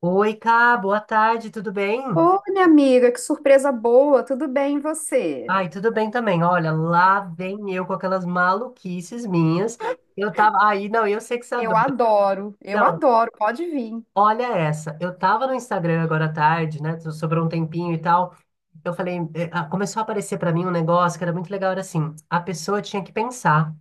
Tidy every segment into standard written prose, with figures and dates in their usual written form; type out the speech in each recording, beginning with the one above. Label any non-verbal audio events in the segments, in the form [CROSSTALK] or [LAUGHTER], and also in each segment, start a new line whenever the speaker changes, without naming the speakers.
Oi, Cá, boa tarde, tudo bem?
Ô, minha amiga, que surpresa boa, tudo bem e você?
Ai, tudo bem também. Olha, lá vem eu com aquelas maluquices minhas. Eu tava. Aí, não, eu sei que você
Eu
adora.
adoro, eu
Não,
adoro, pode vir.
olha essa. Eu tava no Instagram agora à tarde, né? Sobrou um tempinho e tal. Eu falei, começou a aparecer pra mim um negócio que era muito legal, era assim, a pessoa tinha que pensar.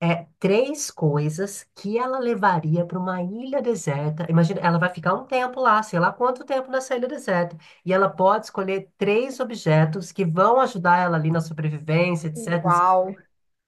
É três coisas que ela levaria para uma ilha deserta. Imagina, ela vai ficar um tempo lá, sei lá quanto tempo nessa ilha deserta. E ela pode escolher três objetos que vão ajudar ela ali na sobrevivência, etc.
Uau!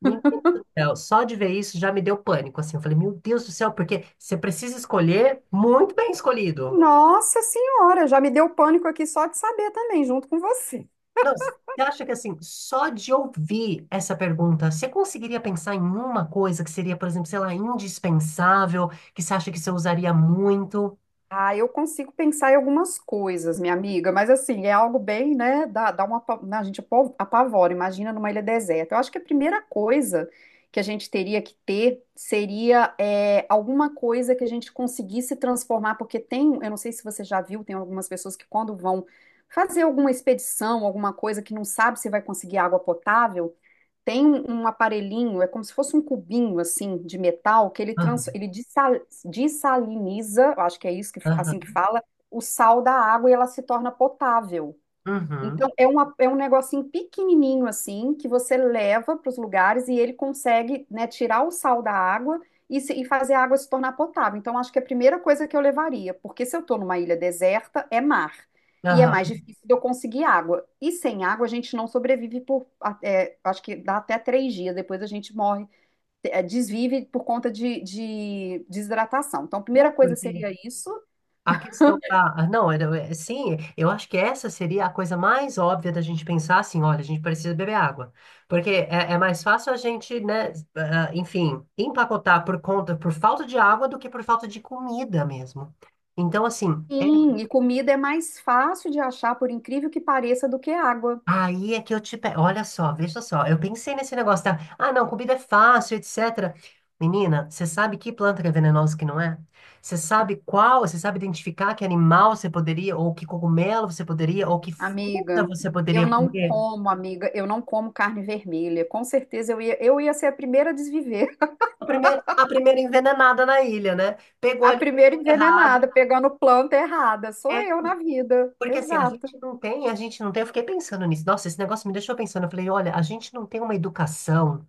Meu Deus do céu, só de ver isso já me deu pânico, assim. Eu falei, meu Deus do céu, porque você precisa escolher muito bem escolhido.
Nossa Senhora, já me deu pânico aqui só de saber também, junto com você.
Não, você acha que assim, só de ouvir essa pergunta, você conseguiria pensar em uma coisa que seria, por exemplo, sei lá, indispensável, que você acha que você usaria muito?
Ah, eu consigo pensar em algumas coisas, minha amiga, mas assim, é algo bem, né? Dá uma, a gente apavora, imagina numa ilha deserta. Eu acho que a primeira coisa que a gente teria que ter seria alguma coisa que a gente conseguisse transformar, porque tem, eu não sei se você já viu, tem algumas pessoas que quando vão fazer alguma expedição, alguma coisa que não sabe se vai conseguir água potável, tem um aparelhinho, é como se fosse um cubinho assim de metal que
Aham.
ele dessaliniza, eu acho que é isso que assim que
Aham.
fala, o sal da água e ela se torna potável.
Uhum.
Então, uma, é um negocinho pequenininho assim, que você leva para os lugares e ele consegue, né, tirar o sal da água e, e fazer a água se tornar potável. Então, acho que é a primeira coisa que eu levaria, porque se eu estou numa ilha deserta, é mar. E é mais
Aham.
difícil de eu conseguir água. E sem água, a gente não sobrevive acho que dá até três dias, depois a gente morre, desvive por conta de desidratação. Então, a
É
primeira coisa
porque
seria isso.
a questão da. Não, é, sim, eu acho que essa seria a coisa mais óbvia da gente pensar assim: olha, a gente precisa beber água. Porque é mais fácil a gente, né, enfim, empacotar por conta, por falta de água do que por falta de comida mesmo. Então, assim. É.
Sim, e comida é mais fácil de achar, por incrível que pareça, do que água.
Aí é que eu te pego. Olha só, veja só. Eu pensei nesse negócio da. Ah, não, comida é fácil, etc. Menina, você sabe que planta que é venenosa e que não é? Você sabe qual? Você sabe identificar que animal você poderia, ou que cogumelo você poderia, ou que fruta
Amiga,
você poderia comer?
eu não como carne vermelha. Com certeza eu ia ser a primeira a desviver,
A primeira envenenada na ilha, né?
[LAUGHS]
Pegou
a
ali.
primeira envenenada, pegando planta errada. Sou eu na vida.
Porque assim, a
Exato.
gente não tem, a gente não tem, eu fiquei pensando nisso. Nossa, esse negócio me deixou pensando. Eu falei, olha, a gente não tem uma educação,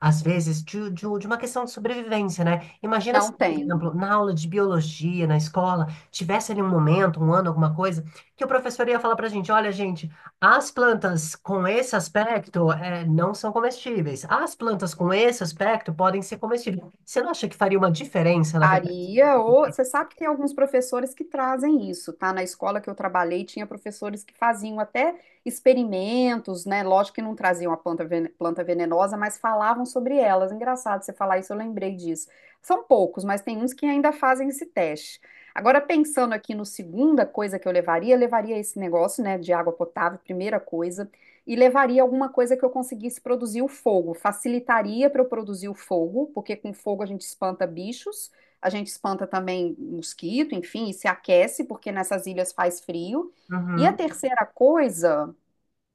às vezes, de uma questão de sobrevivência, né? Imagina se,
Não
por
tem.
exemplo, na aula de biologia, na escola, tivesse ali um momento, um ano, alguma coisa, que o professor ia falar pra gente, olha, gente, as plantas com esse aspecto não são comestíveis. As plantas com esse aspecto podem ser comestíveis. Você não acha que faria uma diferença, na verdade?
Faria, ou você sabe que tem alguns professores que trazem isso, tá? Na escola que eu trabalhei, tinha professores que faziam até experimentos, né? Lógico que não traziam a planta venenosa, mas falavam sobre elas. Engraçado você falar isso, eu lembrei disso. São poucos, mas tem uns que ainda fazem esse teste. Agora, pensando aqui no segunda coisa que eu levaria esse negócio, né, de água potável, primeira coisa, e levaria alguma coisa que eu conseguisse produzir o fogo. Facilitaria para eu produzir o fogo, porque com fogo a gente espanta bichos. A gente espanta também mosquito, enfim, e se aquece, porque nessas ilhas faz frio. E a
Uhum.
terceira coisa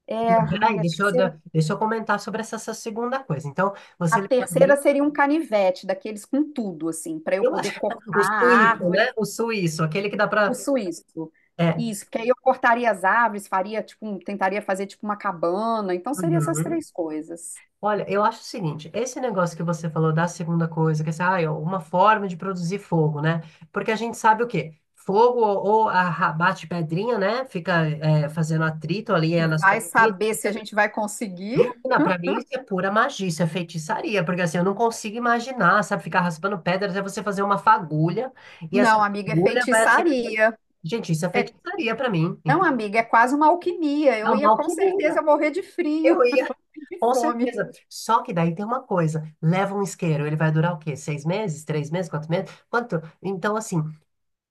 é, ai,
Peraí,
a terceira,
deixa eu comentar sobre essa, essa segunda coisa. Então,
a
você levaria,
terceira seria um canivete, daqueles com tudo, assim, para eu
eu
poder
acho,
cortar
[LAUGHS] o
a
suíço, né?
árvore,
O suíço, aquele que dá
o
pra.
suíço.
É.
Isso, porque aí eu cortaria as árvores, faria tipo, tentaria fazer tipo uma cabana. Então seria essas
Uhum.
três coisas.
Olha, eu acho o seguinte, esse negócio que você falou da segunda coisa, que é assim, é uma forma de produzir fogo, né? Porque a gente sabe o quê? Fogo ou a- bate pedrinha, né? Fica fazendo atrito ali
Que
nas
vai
pedrinhas.
saber se a gente vai conseguir?
Menina, pra mim isso é pura magia, isso é feitiçaria, porque assim, eu não consigo imaginar, sabe, ficar raspando pedra até você fazer uma fagulha, e essa
Não, amiga, é
fagulha vai acender.
feitiçaria.
Gente, isso é
É,
feitiçaria pra mim,
não,
entendeu?
amiga, é quase uma alquimia.
É
Eu
uma
ia com certeza
alquimia.
morrer de
Eu
frio.
ia,
De
com
fome.
certeza. Só que daí tem uma coisa, leva um isqueiro, ele vai durar o quê? Seis meses? Três meses? Quatro meses? Quanto? Então, assim,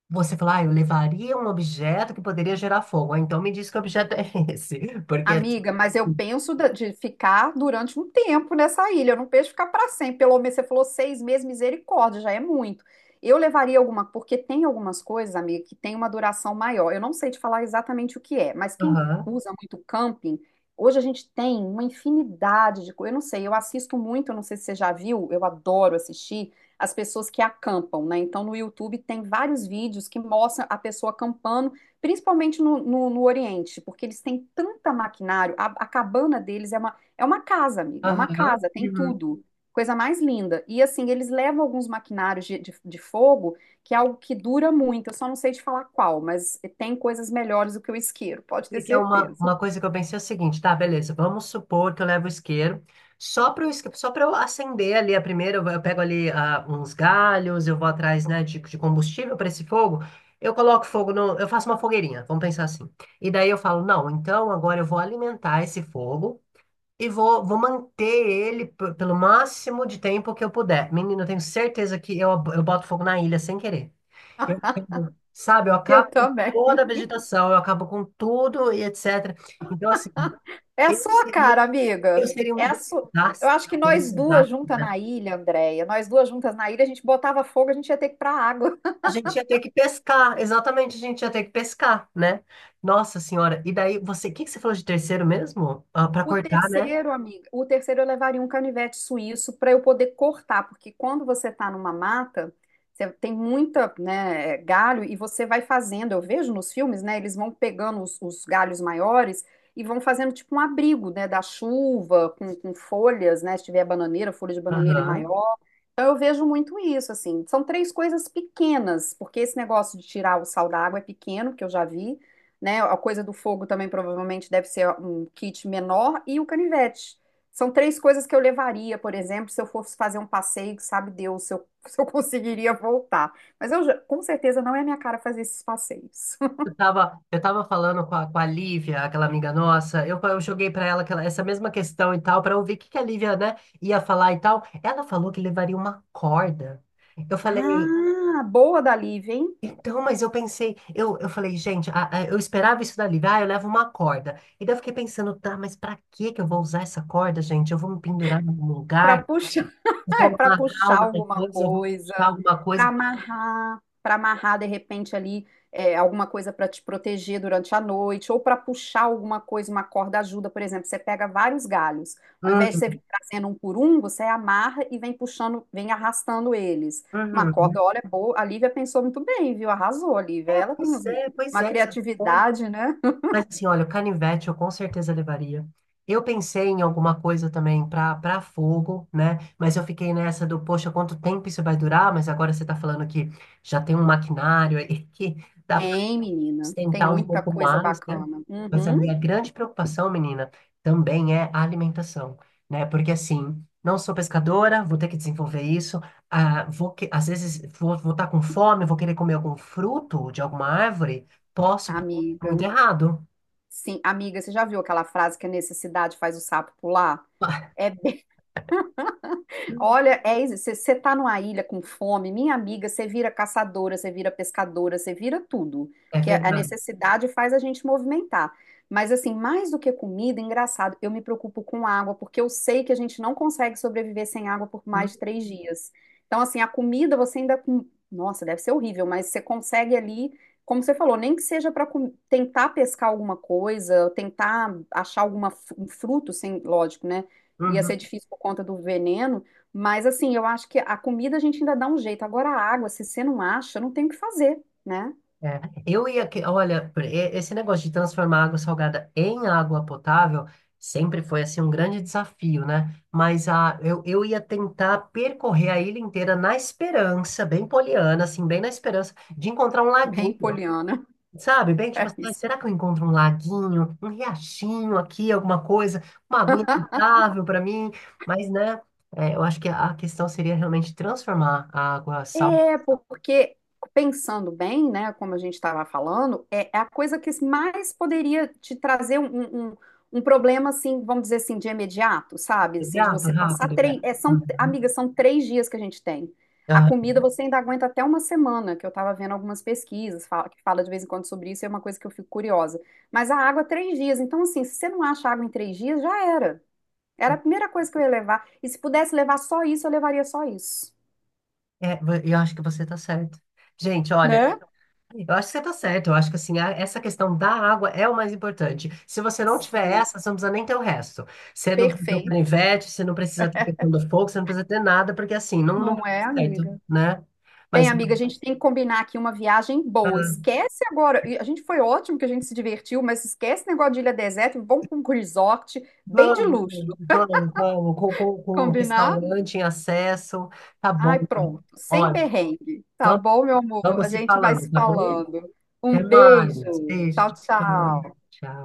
você fala, ah, eu levaria um objeto que poderia gerar fogo. Ah, então me diz que objeto é esse, porque é assim.
Amiga, mas eu penso de ficar durante um tempo nessa ilha. Eu não penso em ficar para sempre. Pelo menos você falou seis meses, misericórdia, já é muito. Eu levaria alguma, porque tem algumas coisas, amiga, que tem uma duração maior. Eu não sei te falar exatamente o que é, mas quem
Aham.
usa muito camping, hoje a gente tem uma infinidade de coisas. Eu não sei, eu assisto muito, eu não sei se você já viu, eu adoro assistir as pessoas que acampam, né? Então no YouTube tem vários vídeos que mostram a pessoa acampando principalmente no Oriente, porque eles têm tanta maquinário, a cabana deles é uma casa, amiga, é
Aham.
uma casa, tem
Uhum.
tudo, coisa mais linda. E assim, eles levam alguns maquinários de fogo, que é algo que dura muito, eu só não sei te falar qual, mas tem coisas melhores do que o isqueiro, pode ter
Porque é
certeza.
uma coisa que eu pensei é o seguinte, tá, beleza, vamos supor que eu levo o isqueiro, só para só para eu acender ali a primeira, eu pego ali uns galhos, eu vou atrás, né, de combustível para esse fogo, eu coloco fogo no, eu faço uma fogueirinha, vamos pensar assim. E daí eu falo, não, então agora eu vou alimentar esse fogo e vou manter ele pelo máximo de tempo que eu puder. Menino, eu tenho certeza que eu boto fogo na ilha sem querer. Eu entendo. Sabe, eu acabo
Eu
com
também.
toda a vegetação, eu acabo com tudo e etc. Então, assim,
É a
eu
sua
seria,
cara,
eu
amiga,
seria
é
um
a sua... Eu
desastre,
acho que
seria um
nós duas
desastre,
juntas
né?
na ilha, Andréia, nós duas juntas na ilha, a gente botava fogo, a gente ia ter que ir pra água.
A gente ia ter que pescar, exatamente, a gente ia ter que pescar, né? Nossa Senhora, e daí você, o que que você falou de terceiro mesmo? Ah, para
O
cortar, né?
terceiro, amiga, o terceiro eu levaria um canivete suíço para eu poder cortar, porque quando você está numa mata, você tem muita, né, galho e você vai fazendo. Eu vejo nos filmes, né, eles vão pegando os galhos maiores e vão fazendo tipo um abrigo, né, da chuva, com folhas, né, se tiver bananeira, folha de bananeira é
Aham.
maior. Então eu vejo muito isso, assim. São três coisas pequenas, porque esse negócio de tirar o sal da água é pequeno, que eu já vi né? A coisa do fogo também provavelmente deve ser um kit menor e o canivete. São três coisas que eu levaria, por exemplo, se eu fosse fazer um passeio, que sabe Deus se eu, [LAUGHS] se eu conseguiria voltar. Mas com certeza não é minha cara fazer esses passeios. [LAUGHS]
Eu tava falando com a, Lívia, aquela amiga nossa, eu joguei pra ela aquela, essa mesma questão e tal, pra ouvir o que que a Lívia, né, ia falar e tal. Ela falou que levaria uma corda. Eu falei,
Ah, boa da Lívia, hein?
então, mas eu pensei, eu falei, gente, eu esperava isso dali, ah, eu levo uma corda. E daí eu fiquei pensando, tá, mas pra que que eu vou usar essa corda, gente? Eu vou me pendurar num
Para
lugar,
puxar.
eu
É,
vou
para
amarrar
puxar
alguma
alguma
coisa, eu vou
coisa,
puxar alguma coisa.
para amarrar de repente alguma coisa para te proteger durante a noite, ou para puxar alguma coisa, uma corda ajuda, por exemplo, você pega vários galhos, ao invés de você
Hum.
vir trazendo um por um, você amarra e vem puxando, vem arrastando eles. Uma
Uhum.
corda, olha, é boa. A Lívia pensou muito bem, viu? Arrasou, a
É,
Lívia.
pois é, pois
Uma
é, essa corda.
criatividade, né?
Mas assim, olha, o canivete eu com certeza levaria. Eu pensei em alguma coisa também pra para fogo, né? Mas eu fiquei nessa do, poxa, quanto tempo isso vai durar? Mas agora você tá falando que já tem um maquinário aí [LAUGHS] que. Dá
Tem, menina. Tem
sustentar um
muita
pouco
coisa
mais, né?
bacana.
Mas a
Uhum,
minha grande preocupação, menina, também é a alimentação, né? Porque assim, não sou pescadora, vou ter que desenvolver isso. Ah, vou que, às vezes vou estar com fome, vou querer comer algum fruto de alguma árvore, posso,
amiga.
muito errado.
Sim, amiga, você já viu aquela frase que a necessidade faz o sapo pular?
[LAUGHS]
É. Olha, é isso. Você tá numa ilha com fome, minha amiga, você vira caçadora, você vira pescadora, você vira tudo.
É
Que a
verdade.
necessidade faz a gente movimentar. Mas, assim, mais do que comida, engraçado, eu me preocupo com água, porque eu sei que a gente não consegue sobreviver sem água por mais de três dias. Então, assim, a comida você ainda. Com- Nossa, deve ser horrível, mas você consegue ali, como você falou, nem que seja para tentar pescar alguma coisa, tentar achar alguma, um fruto, sem, lógico, né? Ia ser
Uhum.
difícil por conta do veneno. Mas assim, eu acho que a comida a gente ainda dá um jeito. Agora a água, se você não acha, não tem o que fazer, né?
É, eu ia que, olha, esse negócio de transformar água salgada em água potável sempre foi assim um grande desafio, né? Mas eu ia tentar percorrer a ilha inteira na esperança, bem poliana, assim, bem na esperança de encontrar um
Bem
laguinho,
poliana. [LAUGHS]
sabe? Bem tipo
É
assim, "Ai,
isso.
será que eu encontro um laguinho, um riachinho aqui, alguma coisa, uma aguinha potável para mim?" Mas, né? É, eu acho que a questão seria realmente transformar a água salgada
É, porque pensando bem, né, como a gente estava falando, é a coisa que mais poderia te trazer um um problema, assim, vamos dizer assim, de imediato, sabe?
em
Assim, de você
água
passar
rápido, né?
três. É, são,
Uhum.
amiga, são três dias que a gente tem. A comida você ainda aguenta até uma semana, que eu estava vendo algumas pesquisas que fala de vez em quando sobre isso, é uma coisa que eu fico curiosa. Mas a água, três dias. Então, assim, se você não acha água em três dias, já era. Era a primeira coisa que eu ia levar. E se pudesse levar só isso, eu levaria só isso,
É, eu acho que você está certo. Gente, olha,
né?
eu acho que você está certo. Eu acho que assim, essa questão da água é o mais importante. Se você não tiver
Sim.
essa, você não precisa nem ter o resto. Você não precisa ter o
Perfeito,
canivete, você não precisa ter a questão do fogo, você não precisa ter nada, porque assim, não, não vai
não é,
dar certo,
amiga?
né?
Bem,
Mas
amiga, a gente tem que combinar aqui uma viagem boa. Esquece agora. E a gente foi ótimo que a gente se divertiu, mas esquece esse negócio de ilha deserta e vamos para um resort bem de
vamos,
luxo.
vamos, vamos, com
Combinado?
restaurante em acesso, tá
Ai,
bom.
pronto. Sem
Olha,
perrengue. Tá
vamos,
bom, meu amor?
vamos
A
se
gente vai
falando,
se
tá bom?
falando. Um
Até mais.
beijo.
Beijo.
Tchau,
Tchau.
tchau.
Tchau.